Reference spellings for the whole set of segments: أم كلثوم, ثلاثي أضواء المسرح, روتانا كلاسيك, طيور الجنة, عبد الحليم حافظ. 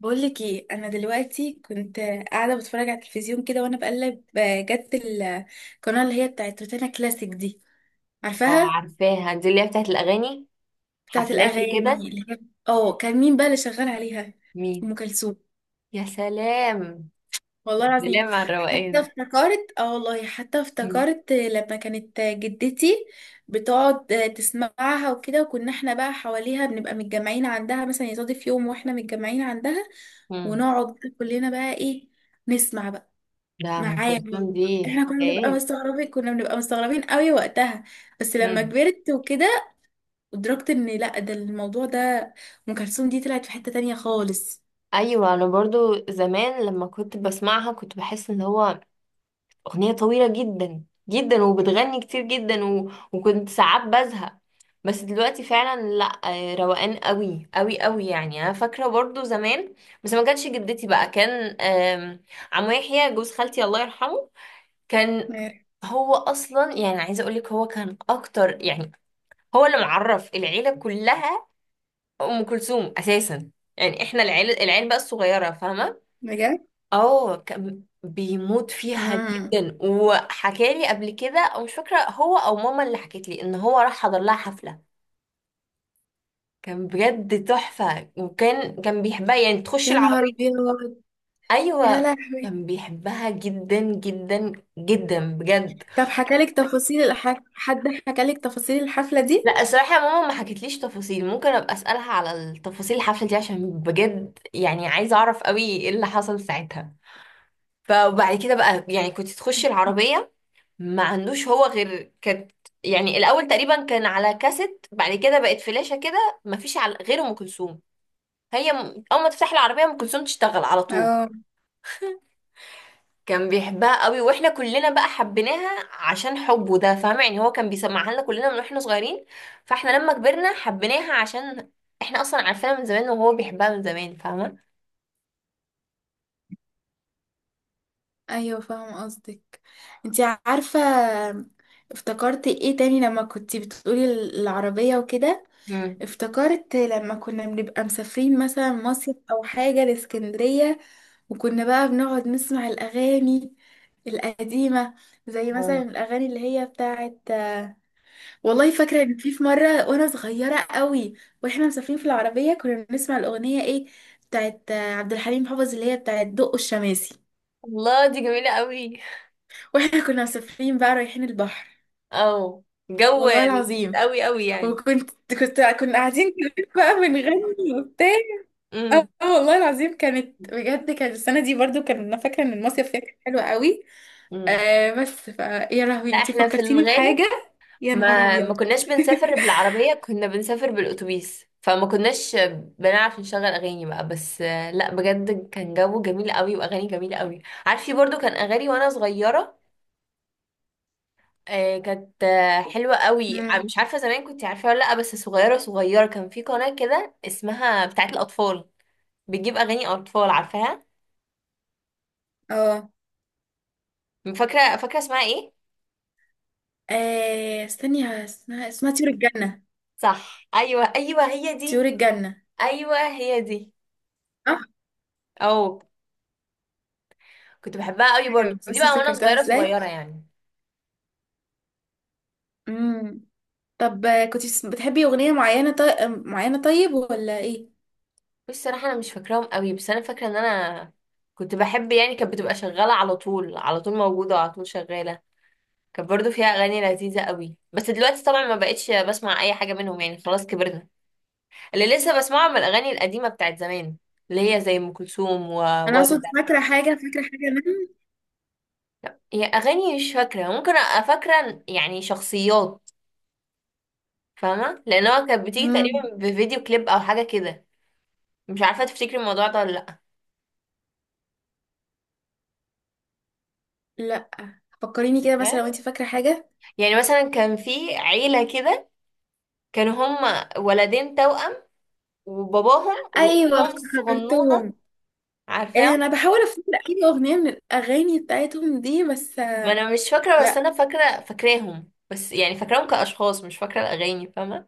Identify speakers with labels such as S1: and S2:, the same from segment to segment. S1: بقولك ايه؟ انا دلوقتي كنت قاعده بتفرج على التلفزيون كده، وانا بقلب جت القناه اللي هي بتاعت روتانا كلاسيك دي.
S2: اه،
S1: عارفاها؟
S2: عارفاها دي اللي هي بتاعت الأغاني،
S1: بتاعت
S2: حفلات
S1: الاغاني
S2: وكده.
S1: اللي هي، اه كان مين بقى اللي شغال عليها؟
S2: مين؟
S1: ام كلثوم.
S2: يا سلام!
S1: والله
S2: يا
S1: العظيم.
S2: سلام على
S1: حتى
S2: الروقان!
S1: افتكرت اه والله حتى
S2: مم.
S1: افتكرت لما كانت جدتي بتقعد تسمعها وكده، وكنا احنا بقى حواليها بنبقى متجمعين عندها. مثلا يصادف يوم واحنا متجمعين عندها
S2: مم.
S1: ونقعد كلنا بقى ايه، نسمع.
S2: ده أم
S1: معايا،
S2: كلثوم دي
S1: احنا كنا بنبقى
S2: حكايات!
S1: مستغربين كنا بنبقى مستغربين قوي وقتها. بس لما
S2: مم.
S1: كبرت وكده ادركت ان لا، ده الموضوع ده، ام كلثوم دي طلعت في حتة تانية خالص.
S2: أيوة، أنا برضو زمان لما كنت بسمعها كنت بحس إن هو أغنية طويلة جدا جدا وبتغني كتير جدا، و... وكنت ساعات بزهق. بس دلوقتي فعلا لا، روقان قوي قوي قوي، يعني انا فاكره برضو زمان. بس ما كانش جدتي، بقى كان عمو يحيى، جوز خالتي الله يرحمه، كان،
S1: عارف؟
S2: هو اصلا يعني عايزه اقول لك هو كان اكتر، يعني هو اللي معرف العيله كلها ام كلثوم اساسا. يعني احنا العيله بقى الصغيره، فاهمه؟
S1: بجد.
S2: اه، كان بيموت فيها
S1: امم
S2: جدا. وحكالي قبل كده، او مش فاكره هو او ماما اللي حكت لي، ان هو راح حضر لها حفله. كان بجد تحفه. وكان بيحبها، يعني تخش
S1: يا نهار
S2: العربيه.
S1: ابيض. يا
S2: ايوه.
S1: لهوي.
S2: كان بيحبها جدا جدا جدا، بجد.
S1: طب حكالك تفاصيل حد حكالك تفاصيل الحفلة دي؟
S2: لا، الصراحة يا ماما، ما حكتليش تفاصيل. ممكن ابقى اسألها على التفاصيل الحفلة دي عشان بجد يعني عايزة اعرف قوي ايه اللي حصل ساعتها. فبعد كده بقى يعني كنت تخشي العربية ما عندوش هو غير، كانت يعني الاول تقريبا كان على كاسيت، بعد كده بقت فلاشة، كده ما فيش على غير ام كلثوم. هي اول ما تفتحي العربية ام كلثوم تشتغل على طول.
S1: اه.
S2: كان بيحبها قوي، واحنا كلنا بقى حبيناها عشان حبه ده، فاهمة؟ يعني هو كان بيسمعها لنا كلنا من واحنا صغيرين. فاحنا لما كبرنا حبيناها عشان احنا اصلا عارفينها من زمان وهو بيحبها من زمان، فاهمة؟
S1: ايوه، فاهمه قصدك. انت عارفه افتكرت ايه تاني لما كنتي بتقولي العربيه وكده؟
S2: مم.
S1: افتكرت لما كنا بنبقى مسافرين مثلا مصيف او حاجة لاسكندرية، وكنا بقى بنقعد نسمع الاغاني القديمة، زي
S2: اه
S1: مثلا الاغاني اللي هي بتاعت، والله فاكرة ان في مرة وانا صغيرة قوي واحنا مسافرين في العربية، كنا بنسمع الاغنية ايه، بتاعت عبد الحليم حافظ اللي هي بتاعت دق الشماسي،
S2: الله، دي جميلة قوي.
S1: واحنا كنا مسافرين بقى رايحين البحر.
S2: اه، جو
S1: والله
S2: لذيذ
S1: العظيم.
S2: قوي قوي يعني.
S1: وكنت كنت كنا قاعدين كلنا بقى بنغني وبتاع.
S2: امم.
S1: والله العظيم كانت بجد، كانت السنة دي برضو كان انا فاكرة ان المصيف فيها كان حلو قوي.
S2: امم.
S1: بس يا
S2: لا،
S1: لهوي، انتي
S2: احنا في
S1: فكرتيني
S2: الغالب
S1: بحاجة. يا نهار
S2: ما ما
S1: ابيض.
S2: كناش بنسافر بالعربية، كنا بنسافر بالأتوبيس، فما كناش بنعرف نشغل أغاني بقى. بس لا بجد كان جو جميل قوي وأغاني جميلة قوي. عارفة؟ برضو كان أغاني وأنا صغيرة، كانت حلوة قوي.
S1: مم.
S2: مش عارفة زمان كنت عارفة ولا لأ، بس صغيرة صغيرة كان في قناة كده اسمها بتاعت الأطفال، بتجيب أغاني أطفال. عارفاها؟
S1: اه
S2: فاكرة، فاكرة اسمها ايه؟
S1: استني، اسمها طيور الجنة.
S2: صح، أيوة، أيوة هي
S1: طيور
S2: دي.
S1: الجنة.
S2: أيوة هي دي.
S1: صح.
S2: أو، كنت بحبها قوي برضو،
S1: ايوه
S2: بس دي
S1: بس
S2: بقى وأنا
S1: افتكرتها
S2: صغيرة
S1: ازاي؟
S2: صغيرة يعني.
S1: امم طب، كنت بتحبي اغنية معينة طيب ولا ايه؟
S2: بص، صراحة أنا مش فاكراهم قوي، بس أنا فاكرة إن أنا كنت بحب، يعني كانت بتبقى شغالة على طول، على طول موجودة، وعلى طول شغالة. كانت برضو فيها أغاني لذيذة قوي. بس دلوقتي طبعا ما بقتش بسمع أي حاجة منهم، يعني خلاص كبرنا. اللي لسه بسمعه من الأغاني القديمة بتاعت زمان، اللي هي زي أم كلثوم
S1: انا اقصد
S2: ووردة.
S1: فاكرة حاجة منهم.
S2: هي أغاني مش فاكرة، ممكن أبقى فاكرة يعني شخصيات، فاهمة؟ لأن هو كانت بتيجي
S1: امم
S2: تقريبا بفيديو كليب أو حاجة كده. مش عارفة تفتكري الموضوع ده ولا لأ.
S1: لا، فكريني كده، مثلا
S2: فاكراه،
S1: لو انت فاكرة حاجة.
S2: يعني مثلا كان في عيلة كده، كانوا هما ولدين توأم وباباهم
S1: ايوه،
S2: واختهم الصغنونة.
S1: افتكرتهم.
S2: عارفاهم؟
S1: انا بحاول افتكر اي اغنيه من الاغاني بتاعتهم دي، بس
S2: ما انا مش فاكرة، بس
S1: لا.
S2: انا فاكرة فاكراهم، بس يعني فاكراهم كأشخاص، مش فاكرة الأغاني، فاهمة؟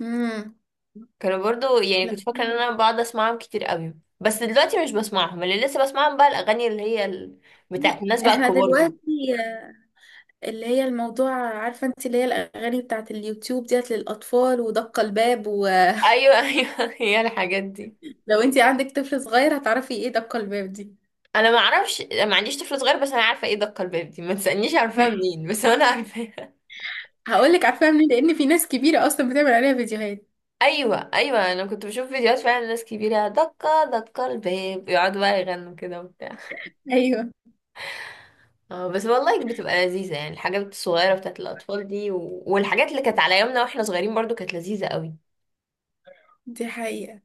S1: امم
S2: كانوا برضو، يعني
S1: لا.
S2: كنت فاكرة ان انا بقعد اسمعهم كتير قوي. بس دلوقتي مش بسمعهم. اللي لسه بسمعهم بقى الأغاني اللي هي بتاعت
S1: لا
S2: الناس بقى
S1: احنا
S2: الكبار دي.
S1: دلوقتي، اللي هي الموضوع، عارفه انت اللي هي الاغاني بتاعت اليوتيوب ديت للاطفال ودق الباب، ولو
S2: ايوه، ايوه هي الحاجات دي.
S1: انت عندك طفل صغير هتعرفي ايه دق الباب دي.
S2: انا ما اعرفش، ما عنديش طفل صغير، بس انا عارفه ايه دق الباب دي، ما تسالنيش عارفاها منين، بس انا عارفاها.
S1: هقول لك عارفاها منين، لان في ناس كبيره اصلا بتعمل عليها فيديوهات.
S2: ايوه، ايوه، انا كنت بشوف فيديوهات فعلا، ناس كبيره دقه دقه الباب، يقعدوا بقى يغنوا كده وبتاع.
S1: ايوه.
S2: اه بس والله بتبقى لذيذه، يعني الحاجات الصغيره بتاعت الاطفال دي، و... والحاجات اللي كانت على يومنا واحنا صغيرين برضو كانت لذيذه قوي.
S1: دي حقيقه.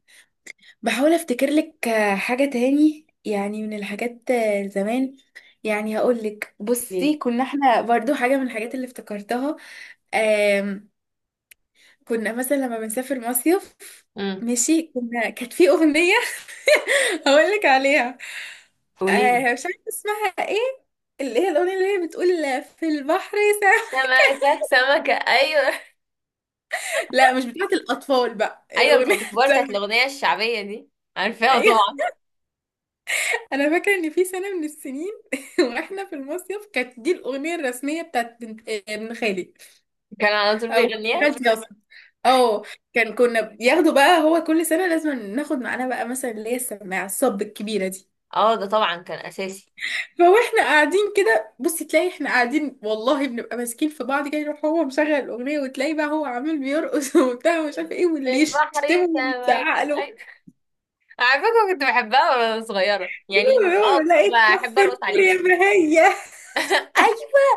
S1: بحاول افتكر لك حاجة تاني، يعني من الحاجات زمان. يعني هقول لك،
S2: ليه؟
S1: بصي، كنا احنا برضو حاجة من الحاجات اللي افتكرتها. آم، كنا مثلا لما بنسافر مصيف،
S2: امم.
S1: ماشي، كانت في أغنية هقول لك عليها.
S2: قولي.
S1: مش عارفة اسمها ايه، اللي هي الأغنية اللي هي بتقول في البحر ساعة.
S2: سمكه سمكه، ايوه.
S1: لا مش بتاعت الأطفال، بقى
S2: ايوه،
S1: الأغنية
S2: بتاعت الكبار، بتاعت
S1: التانية.
S2: الاغنيه الشعبيه دي. عارفاها طبعا.
S1: انا فاكره ان في سنه من السنين واحنا في المصيف كانت دي الاغنيه الرسميه بتاعت بنت آه، ابن خالي
S2: كان على طول
S1: او
S2: بيغنيها.
S1: خالتي الأغنية اصلا. اه. كنا بياخدوا بقى، هو كل سنه لازم ناخد معانا بقى مثلا اللي هي السماعه الصب الكبيره دي.
S2: اه، ده طبعا كان اساسي.
S1: فاحنا قاعدين كده بصي، تلاقي احنا قاعدين والله بنبقى ماسكين في بعض كده، يروح هو مشغل الاغنيه، وتلاقي بقى هو عامل بيرقص وبتاع ومش عارف ايه،
S2: في
S1: واللي
S2: البحر
S1: يشتمه واللي
S2: سمكه،
S1: يزعق له.
S2: ايوه. على فكره كنت بحبها وانا صغيره يعني، كنت
S1: لا،
S2: بحب
S1: اتكفي
S2: ارقص
S1: النور
S2: عليها.
S1: يا بهيه.
S2: ايوه.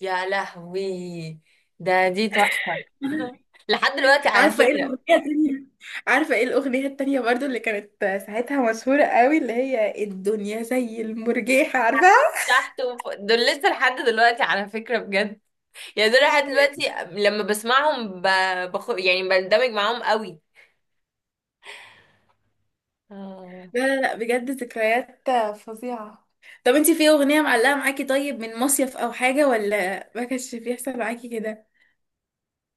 S2: يا لهوي. ده دي تحفة! لحد دلوقتي على
S1: عارفة ايه
S2: فكرة.
S1: الأغنية التانية عارفة ايه الأغنية التانية برضو اللي كانت ساعتها مشهورة قوي، اللي هي الدنيا زي المرجيحة، عارفاها؟
S2: تحت وفوق دول لسه لحد دلوقتي على فكرة، بجد. يعني دول لحد دلوقتي لما بسمعهم يعني بندمج معاهم قوي. آه،
S1: لا لا لا، بجد ذكريات فظيعة. طب انتي في أغنية معلقة معاكي طيب من مصيف أو حاجة، ولا ما كانش بيحصل معاكي كده؟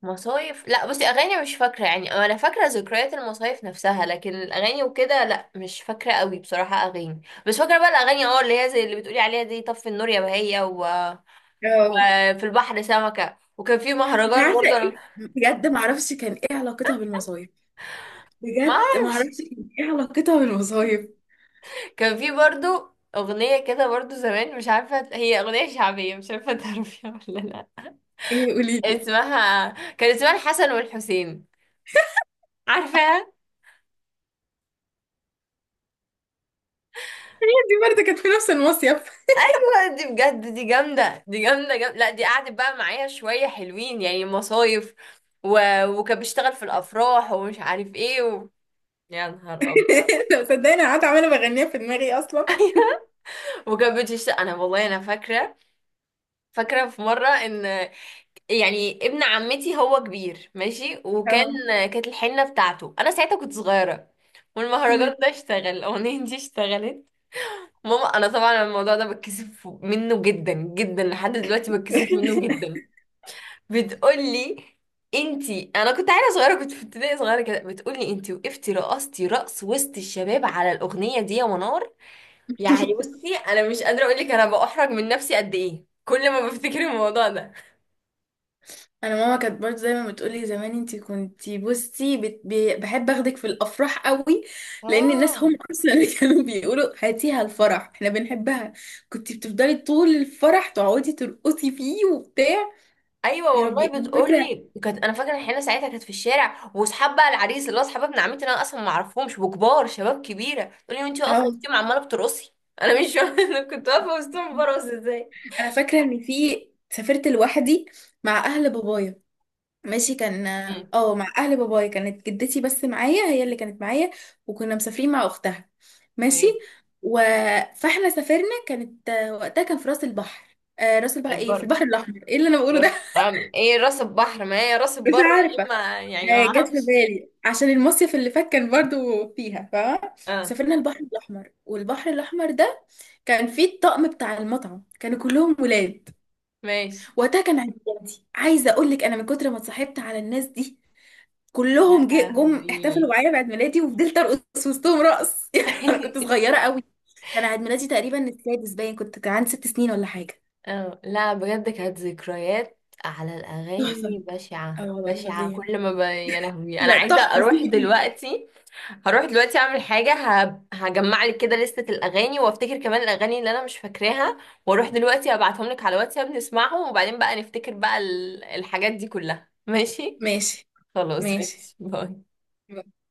S2: مصايف لا، بصي اغاني مش فاكرة، يعني انا فاكرة ذكريات المصايف نفسها، لكن الاغاني وكده لا مش فاكرة قوي بصراحة اغاني. بس فاكرة بقى الاغاني اللي هي زي اللي بتقولي عليها دي طف النور يا بهية
S1: اه،
S2: وفي البحر سمكة. وكان في
S1: مش
S2: مهرجان
S1: عارفة
S2: برضه، انا
S1: ايه،
S2: ما
S1: بجد
S2: اعرف.
S1: معرفش كان ايه علاقتها بالمصايف.
S2: كان في برضو أغنية كده برضو زمان، مش عارفة، هي أغنية شعبية مش عارفة تعرفيها ولا لأ.
S1: ايه؟ قوليلي.
S2: اسمها، كان اسمها الحسن والحسين، عارفاها؟
S1: دي برضه كانت في نفس المصيف.
S2: أيوة، دي بجد دي جامدة، دي جامدة جامدة، لأ دي قعدت بقى معايا شوية حلوين يعني مصايف و... وكان بيشتغل في الأفراح ومش عارف ايه يا نهار أبيض.
S1: لو صدقني، أنا قاعدة عمالة بغنيها في دماغي أصلا.
S2: وكان بتشتغل، أنا والله أنا فاكرة، فاكرة في مرة إن، يعني ابن عمتي، هو كبير ماشي، وكان
S1: اه.
S2: كانت الحنة بتاعته، انا ساعتها كنت صغيرة، والمهرجان ده اشتغل، الاغنية دي اشتغلت. ماما، انا طبعا الموضوع ده بتكسف منه جدا جدا لحد دلوقتي، بتكسف منه جدا. بتقولي، انتي انا كنت عيله صغيره كنت في ابتدائي صغيره كده، بتقولي انتي وقفتي رقصتي رقص وسط الشباب على الاغنيه دي يا منار. يعني بصي، انا مش قادره اقول لك انا بأحرج من نفسي قد ايه كل ما بفتكر الموضوع ده.
S1: انا ماما كانت برضه دايما بتقولي زمان، انتي كنتي، بصي، بحب اخدك في الافراح قوي لان الناس
S2: اه.
S1: هم اصلا اللي كانوا بيقولوا هاتيها الفرح احنا بنحبها. كنتي بتفضلي طول الفرح تقعدي ترقصي فيه وبتاع.
S2: ايوه
S1: يا ربي.
S2: والله
S1: انا فاكره
S2: بتقولي كانت، انا فاكره الحنه ساعتها كانت في الشارع، واصحاب بقى العريس اللي هو اصحاب ابن عمتي اللي انا اصلا ما اعرفهمش، وكبار شباب كبيره، تقولي وانتي واقفه
S1: أهو.
S2: وسطهم عماله بترقصي. انا مش فاهمه، انا كنت واقفه وسطهم برقص ازاي؟
S1: انا فاكره ان سافرت لوحدي مع اهل بابايا، ماشي. كان
S2: امم.
S1: اه مع اهل بابايا كانت جدتي بس معايا، هي اللي كانت معايا، وكنا مسافرين مع اختها، ماشي.
S2: ايه؟
S1: و... فاحنا سافرنا، وقتها كان في راس البحر آه راس البحر ايه في
S2: البر.
S1: البحر الاحمر، ايه اللي انا بقوله ده؟
S2: راس أم ايه، راس البحر، ما هي راس
S1: مش
S2: البر.
S1: عارفه.
S2: يا اما، يعني ما
S1: جت في
S2: اعرفش.
S1: بالي عشان المصيف اللي فات كان برضو فيها، فاهمه؟
S2: اه.
S1: سافرنا البحر الاحمر، والبحر الاحمر ده كان فيه الطقم بتاع المطعم كانوا كلهم ولاد.
S2: ماشي.
S1: وقتها كان عيد ميلادي، عايزه اقول لك، انا من كتر ما اتصاحبت على الناس دي
S2: يا
S1: كلهم جم احتفلوا
S2: لهوي.
S1: معايا بعيد ميلادي، وفضلت ارقص وسطهم رقص يعني انا كنت صغيره قوي. كان عيد ميلادي تقريبا السادس، باين كان عندي 6 سنين ولا حاجه.
S2: اه لا، بجد كانت ذكريات على
S1: تحفه.
S2: الاغاني بشعه
S1: اه والله
S2: بشعه. كل
S1: العظيم.
S2: ما يا لهوي، انا
S1: لا
S2: عايزه
S1: تحفه،
S2: اروح
S1: سيبك انتي.
S2: دلوقتي. هروح دلوقتي اعمل حاجة، هجمع لك كده لستة الاغاني وافتكر كمان الاغاني اللي انا مش فاكراها. واروح دلوقتي ابعتهم لك على واتساب نسمعهم، وبعدين بقى نفتكر بقى الحاجات دي كلها، ماشي؟
S1: ماشي
S2: خلاص،
S1: ماشي.
S2: ماشي، باي.